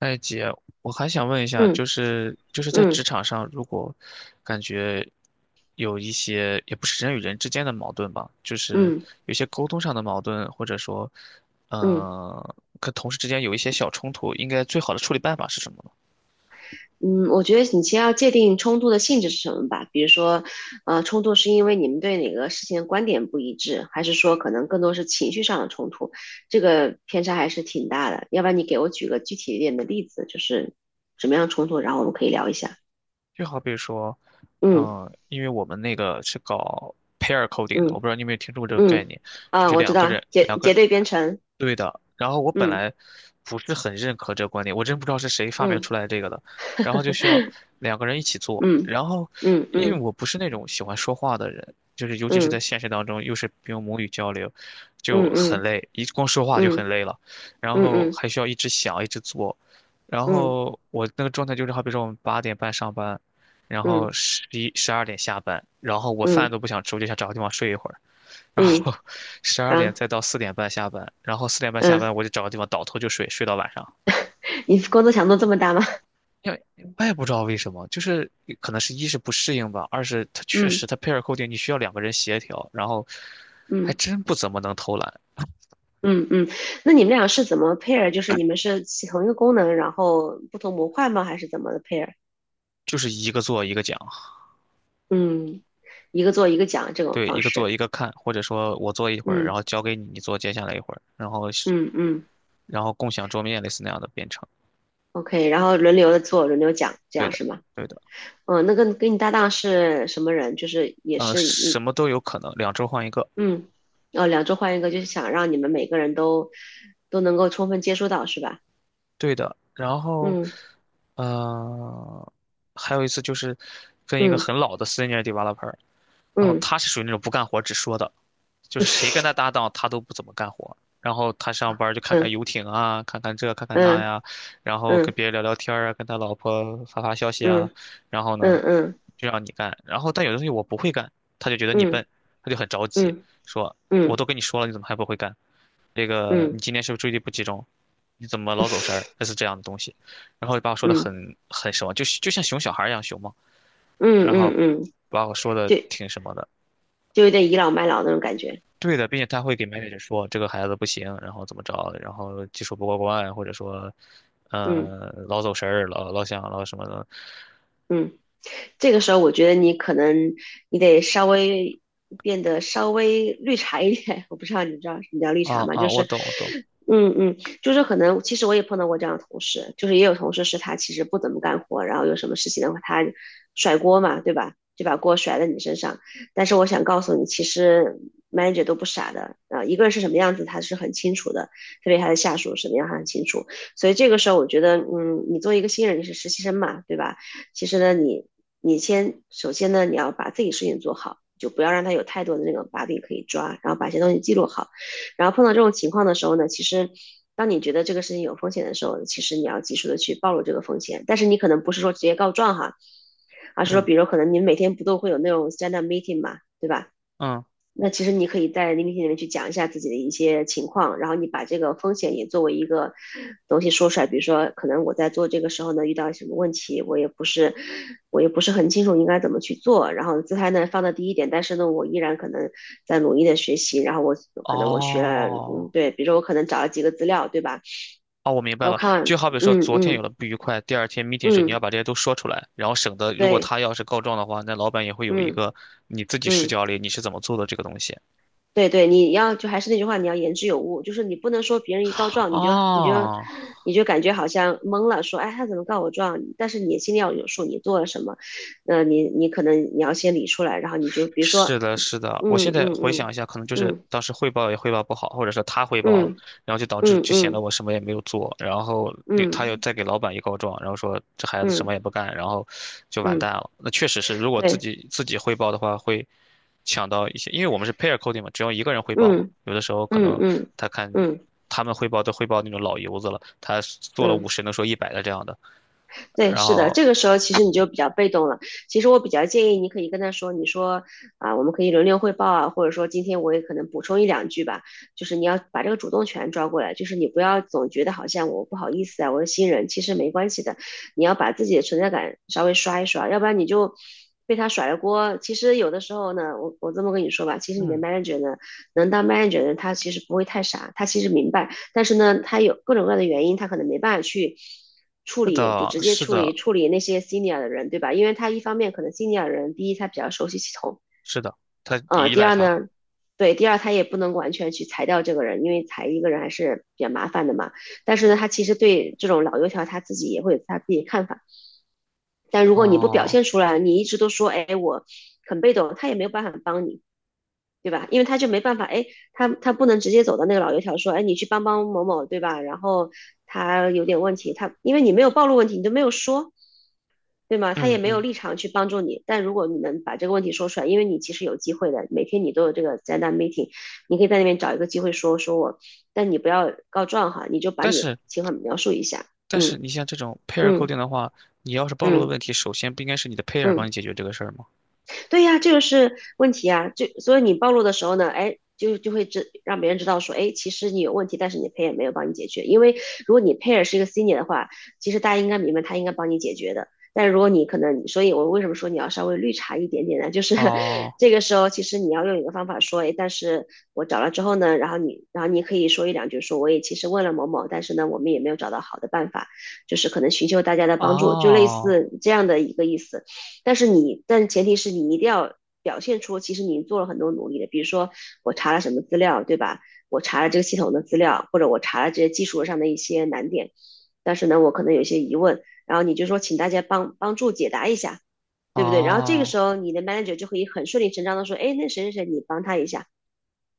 哎，姐，我还想问一下，嗯就是在职嗯场上，如果感觉有一些也不是人与人之间的矛盾吧，就是嗯有些沟通上的矛盾，或者说，嗯呃，跟同事之间有一些小冲突，应该最好的处理办法是什么呢？嗯，我觉得你先要界定冲突的性质是什么吧。比如说，冲突是因为你们对哪个事情的观点不一致，还是说可能更多是情绪上的冲突？这个偏差还是挺大的。要不然你给我举个具体一点的例子，就是什么样的冲突，然后我们可以聊一下。就好比说，嗯因为我们那个是搞 pair coding 的，嗯我不知道你有没有听说过这个概嗯，念，就啊，是我知两个道，人结结对编程。对的，然后我本嗯来不是很认可这个观点，我真不知道是谁发明嗯出来这个的，然后就需要两个人一起做，嗯然后嗯因为嗯我不是那种喜欢说话的人，就是尤其是在嗯现实当中，又是用母语交流，就嗯很嗯累，一光说话就很嗯累了，然嗯后嗯还需要一直想，一直做，然嗯后我那个状态就是，好比说我们8:30上班，然嗯后十一十二点下班，然后我嗯饭都嗯不想吃，我就想找个地方睡一会儿。然嗯，后 十二啊点嗯。再到4:30下班，然后四点半下嗯班我就找个地方倒头就睡，睡到晚上。你工作强度这么大吗？因为我也不知道为什么，就是可能是一是不适应吧，二是它确实嗯它 pair coding 你需要两个人协调，然后还嗯真不怎么能偷懒，嗯嗯，那你们俩是怎么 pair？就是你们是起同一个功能，然后不同模块吗？还是怎么的 pair？就是一个做一个讲，嗯，一个做一个讲这种对，方一个做式。一个看，或者说我做一会儿，然嗯后交给你，你做接下来一会儿，嗯嗯然后共享桌面类似那样的编程。，OK，然后轮流的做，轮流讲，这对样的，是吗？对的，嗯，那跟你搭档是什么人？就是也是什一么都有可能，两周换一个。嗯哦，两周换一个，就是想让你们每个人都都能够充分接触到，是吧？对的，然后，嗯呃，还有一次就是跟一个嗯很老的 senior developer，然后嗯他是属于那种不干活只说的，就是谁跟他搭档，他都不怎么干活。然后他上班儿就看看嗯游艇啊，看看这，看看那嗯呀，然后跟嗯嗯别人聊聊天儿啊，跟他老婆发发消息嗯啊，然后呢，嗯。嗯就让你干。然后但有的东西我不会干，他就觉得你笨，嗯他就很着急，嗯说我都嗯跟你说了，你怎么还不会干？这个你嗯今天是不是注意力不集中？你怎么老走神儿？类似这样的东西，然后把我说的嗯很什么，就是就像熊小孩儿一样熊嘛，嗯然嗯后嗯，嗯把我说的就挺什么的。就有点倚老卖老那种感觉。对的，并且他会给 manager 说这个孩子不行，然后怎么着，然后技术不过关，或者说，嗯嗯，老走神儿，老想老什么的。嗯这个时候我觉得你可能你得稍微变得稍微绿茶一点。我不知道你知道什么叫绿啊茶吗？啊，就我是，懂，我懂。嗯嗯，就是可能其实我也碰到过这样的同事，就是也有同事是他其实不怎么干活，然后有什么事情的话他甩锅嘛，对吧？就把锅甩在你身上。但是我想告诉你，其实 manager 都不傻的啊，一个人是什么样子，他是很清楚的，特别他的下属什么样，他很清楚。所以这个时候，我觉得，嗯，你作为一个新人，你是实习生嘛，对吧？其实呢，你先首先呢，你要把自己事情做好，就不要让他有太多的那种把柄可以抓，然后把一些东西记录好。然后碰到这种情况的时候呢，其实当你觉得这个事情有风险的时候，其实你要及时的去暴露这个风险。但是你可能不是说直接告状哈，而是说，嗯比如可能你们每天不都会有那种 stand up meeting 嘛，对吧？嗯，那其实你可以在聆听里面去讲一下自己的一些情况，然后你把这个风险也作为一个东西说出来。比如说，可能我在做这个时候呢，遇到什么问题，我也不是，我也不是很清楚应该怎么去做。然后姿态呢放到第一点，但是呢，我依然可能在努力的学习。然后我可能我学了，哦嗯，对，比如说我可能找了几个资料，对吧？哦，我明白我了。看完，就好比说，嗯昨天有嗯了不愉快，第二天 meeting 时你要嗯，把这些都说出来，然后省得如果对，他要是告状的话，那老板也会有一嗯个你自己视嗯。角里你是怎么做的这个东西。对对，你要就还是那句话，你要言之有物，就是你不能说别人一告状，你就你就哦，你就感觉好像懵了，说哎他怎么告我状？但是你心里要有数，你做了什么，那你可能你要先理出来，然后你就比如说是的，是的，我现嗯在嗯回想嗯一下，可能就是嗯当时汇报也汇报不好，或者说他汇报了，嗯然后就导致嗯就显得嗯我什么也没有做，然后那他又嗯再给老板一告状，然后说这孩子什么嗯也不干，然后就完嗯，蛋了。那确实是，如果自对，己自己汇报的话，会抢到一些，因为我们是 pair coding 嘛，只要一个人汇报嘛，嗯有的时候可嗯能嗯他看嗯嗯他们汇报都汇报那种老油子了，他做了嗯50能说100的这样的，对，然是的，后这个时候其实你就比较被动了。其实我比较建议你可以跟他说，你说啊，我们可以轮流汇报啊，或者说今天我也可能补充一两句吧。就是你要把这个主动权抓过来，就是你不要总觉得好像我不好意思啊，我是新人，其实没关系的。你要把自己的存在感稍微刷一刷，要不然你就被他甩了锅。其实有的时候呢，我这么跟你说吧，其实你的 嗯，manager 呢，能当 manager 的人，他其实不会太傻，他其实明白但是呢，他有各种各样的原因，他可能没办法去处是理，就的，直接是处理的，处理那些 senior 的人，对吧？因为他一方面可能 senior 的人，第一他比较熟悉系统，是的，他依第赖二他呢，对，第二他也不能完全去裁掉这个人，因为裁一个人还是比较麻烦的嘛。但是呢，他其实对这种老油条他自己也会有他自己看法。但如果你不表哦。现出来，你一直都说，哎，我很被动，他也没有办法帮你，对吧？因为他就没办法，哎，他不能直接走到那个老油条说，哎，你去帮帮某某，对吧？然后他有点问题，他因为你没有暴露问题，你都没有说，对吗？他也嗯没有嗯，立场去帮助你。但如果你能把这个问题说出来，因为你其实有机会的，每天你都有这个灾难 meeting，你可以在那边找一个机会说说我，但你不要告状哈，你就把但你是情况描述一下，但是嗯你像这种 pair 嗯 coding 的话，你要是暴露的嗯问题，首先不应该是你的 pair 嗯。帮你嗯解决这个事儿吗？对呀，这个是问题啊。就所以你暴露的时候呢，哎，就会知让别人知道说，哎，其实你有问题，但是你的 pair 没有帮你解决。因为如果你 pair 是一个 senior 的话，其实大家应该明白他应该帮你解决的。但如果你可能，所以我为什么说你要稍微绿茶一点点呢？就是 哦这个时候，其实你要用一个方法说，哎，但是我找了之后呢，然后你可以说一两句说，我也其实问了某某，但是呢，我们也没有找到好的办法，就是可能寻求大家的帮助，就类哦似这样的一个意思。但前提是你一定要表现出其实你做了很多努力的，比如说我查了什么资料，对吧？我查了这个系统的资料，或者我查了这些技术上的一些难点，但是呢，我可能有些疑问，然后你就说请大家帮助解答一下，对不对？然后这个哦时候你的 manager 就可以很顺理成章的说，哎，那谁谁谁，你帮他一下，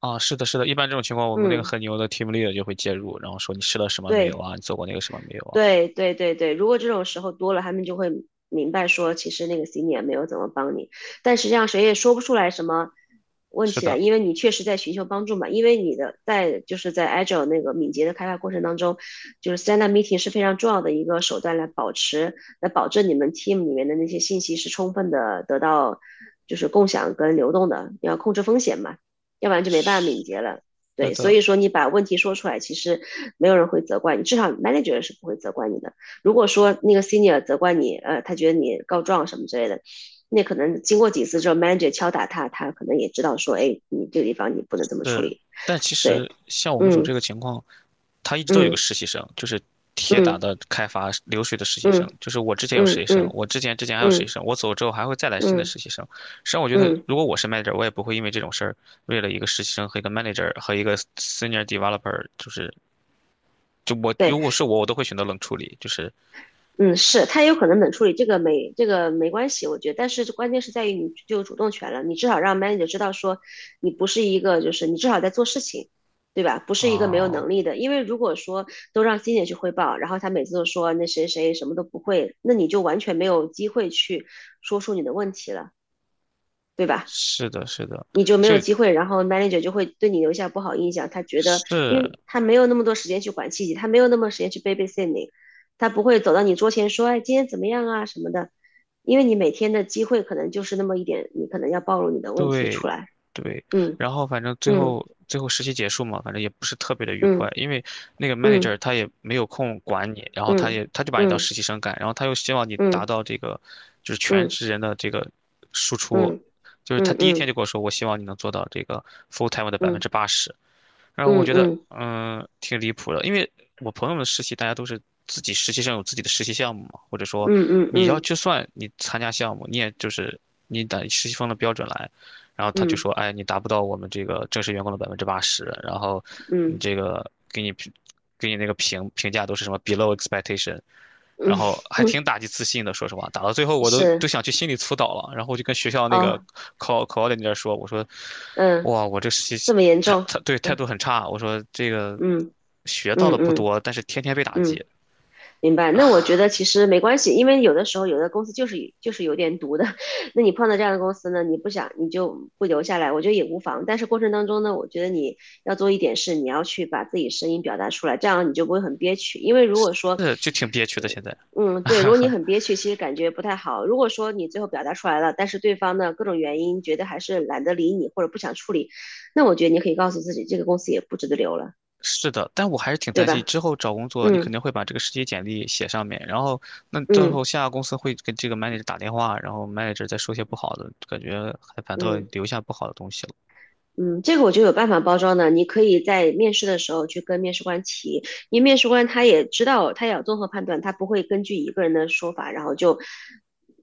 哦，是的，是的，一般这种情况，我们那个嗯，很牛的 team leader 就会介入，然后说你试了什么没有对。啊？你做过那个什么没有啊？对对对对，如果这种时候多了，他们就会明白说，其实那个 senior 没有怎么帮你，但实际上谁也说不出来什么问是题来，的，因为你确实在寻求帮助嘛。因为你的在就是在 Agile 那个敏捷的开发过程当中，就是 stand up meeting 是非常重要的一个手段来保证你们 team 里面的那些信息是充分的得到就是共享跟流动的，你要控制风险嘛，要不然就没办法敏是捷了。是对，所的，以说你把问题说出来，其实没有人会责怪你，至少 manager 是不会责怪你的。如果说那个 senior 责怪你，他觉得你告状什么之类的，那可能经过几次之后，manager 敲打他，他可能也知道说，哎，你这个地方你不能这么处是。理。但其对，实像我们组嗯这个情况，他一直都有个嗯实习生，就是铁打嗯的开发流水的实习生。嗯就是我之前有实嗯习生，嗯我之前还有实习嗯生，我走之后还会再来新的嗯实习生。实际上，我觉得嗯，如果我是 manager，我也不会因为这种事儿，为了一个实习生和一个 manager 和一个 senior developer，就是就我如果对。是我，我都会选择冷处理。就是嗯，是，他也有可能冷处理，这个没关系，我觉得。但是关键是在于你就有主动权了，你至少让 manager 知道说你不是一个，就是你至少在做事情，对吧？不是一个没有啊、能力的。因为如果说都让 s e 去汇报，然后他每次都说那谁谁什么都不会，那你就完全没有机会去说出你的问题了，对吧？是的，是的，你就没就有机会，然后 manager 就会对你留下不好印象。他觉得，是。因为他没有那么多时间去管细节，他没有那么多时间去 babysit g 他不会走到你桌前说，哎，今天怎么样啊什么的，因为你每天的机会可能就是那么一点，你可能要暴露你的问题对，出来。对，嗯然后反正最嗯后最后实习结束嘛，反正也不是特别的愉快，嗯因为那个 manager 嗯他也没有空管你，然后他嗯也他就把你当嗯实习生干，然后他又希望你嗯达嗯到这个就是全职人的这个输出，嗯就是他嗯嗯第一天嗯就跟我说，我希望你能做到这个 full time 的百分之嗯八十，然后我嗯觉得，嗯嗯，挺离谱的，因为我朋友们实习，大家都是自己实习生有自己的实习项目嘛，或者说嗯嗯就算你参加项目，你也就是你得实习生的标准来，然后他就嗯说，哎，你达不到我们这个正式员工的百分之八十，然后你嗯这个给你那个评价都是什么 below expectation，然嗯，后还挺打击自信的，说实话，打到最后我都是。想去心理辅导了。然后我就跟学校那个哦，考的那边说，我说，嗯，哇，我这实这习么严态重。态对态度嗯很差。我说这个嗯学到嗯的不嗯。多，但是天天被打嗯，击，明白。那我觉得其实没关系，因为有的时候有的公司就是有点毒的。那你碰到这样的公司呢，你不想你就不留下来，我觉得也无妨。但是过程当中呢，我觉得你要做一点事，你要去把自己声音表达出来，这样你就不会很憋屈。因为如果说，是就挺憋屈的。现在嗯，对，如果你很憋屈，其实感觉不太好。如果说你最后表达出来了，但是对方呢各种原因觉得还是懒得理你或者不想处理，那我觉得你可以告诉自己，这个公司也不值得留了，是的，但我还是挺对担心吧？之后找工作，你肯嗯定会把这个实习简历写上面，然后那到时嗯候下个公司会给这个 manager 打电话，然后 manager 再说些不好的，感觉还反倒嗯。留下不好的东西了。嗯，这个我就有办法包装的。你可以在面试的时候去跟面试官提，因为面试官他也知道，他也要综合判断，他不会根据一个人的说法，然后就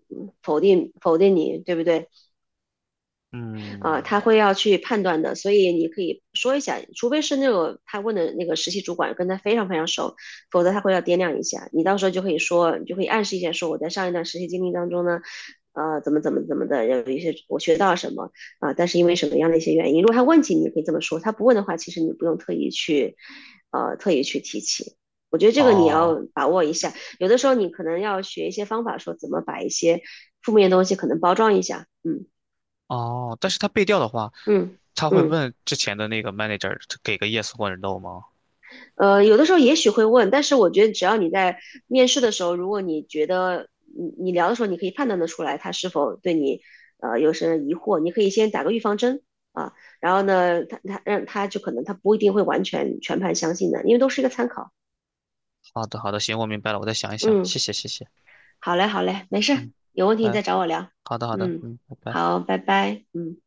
嗯否定你，对不对？啊，嗯，他会要去判断的，所以你可以说一下，除非是那个他问的那个实习主管跟他非常非常熟，否则他会要掂量一下。你到时候就可以说，你就可以暗示一下，说我在上一段实习经历当中呢，怎么怎么怎么的，有一些我学到了什么啊、但是因为什么样的一些原因，如果他问起，你可以这么说；他不问的话，其实你不用特意去，特意去提起。我觉得这个你哦。要把握一下，有的时候你可能要学一些方法，说怎么把一些负面的东西可能包装一下。嗯哦，但是他背调的话，嗯他会嗯。问之前的那个 manager 给个 yes 或者 no 吗？有的时候也许会问，但是我觉得只要你在面试的时候，如果你觉得你聊的时候，你可以判断得出来他是否对你有什么疑惑，你可以先打个预防针啊，然后呢，他他让他就可能他不一定会完全全盘相信的，因为都是一个参考。好的，好的，行，我明白了，我再想一想，谢嗯，谢，谢谢，好嘞，好嘞，没事嗯。有问题你拜。再找我聊。好的，好的，嗯，嗯，拜拜。好，拜拜，嗯。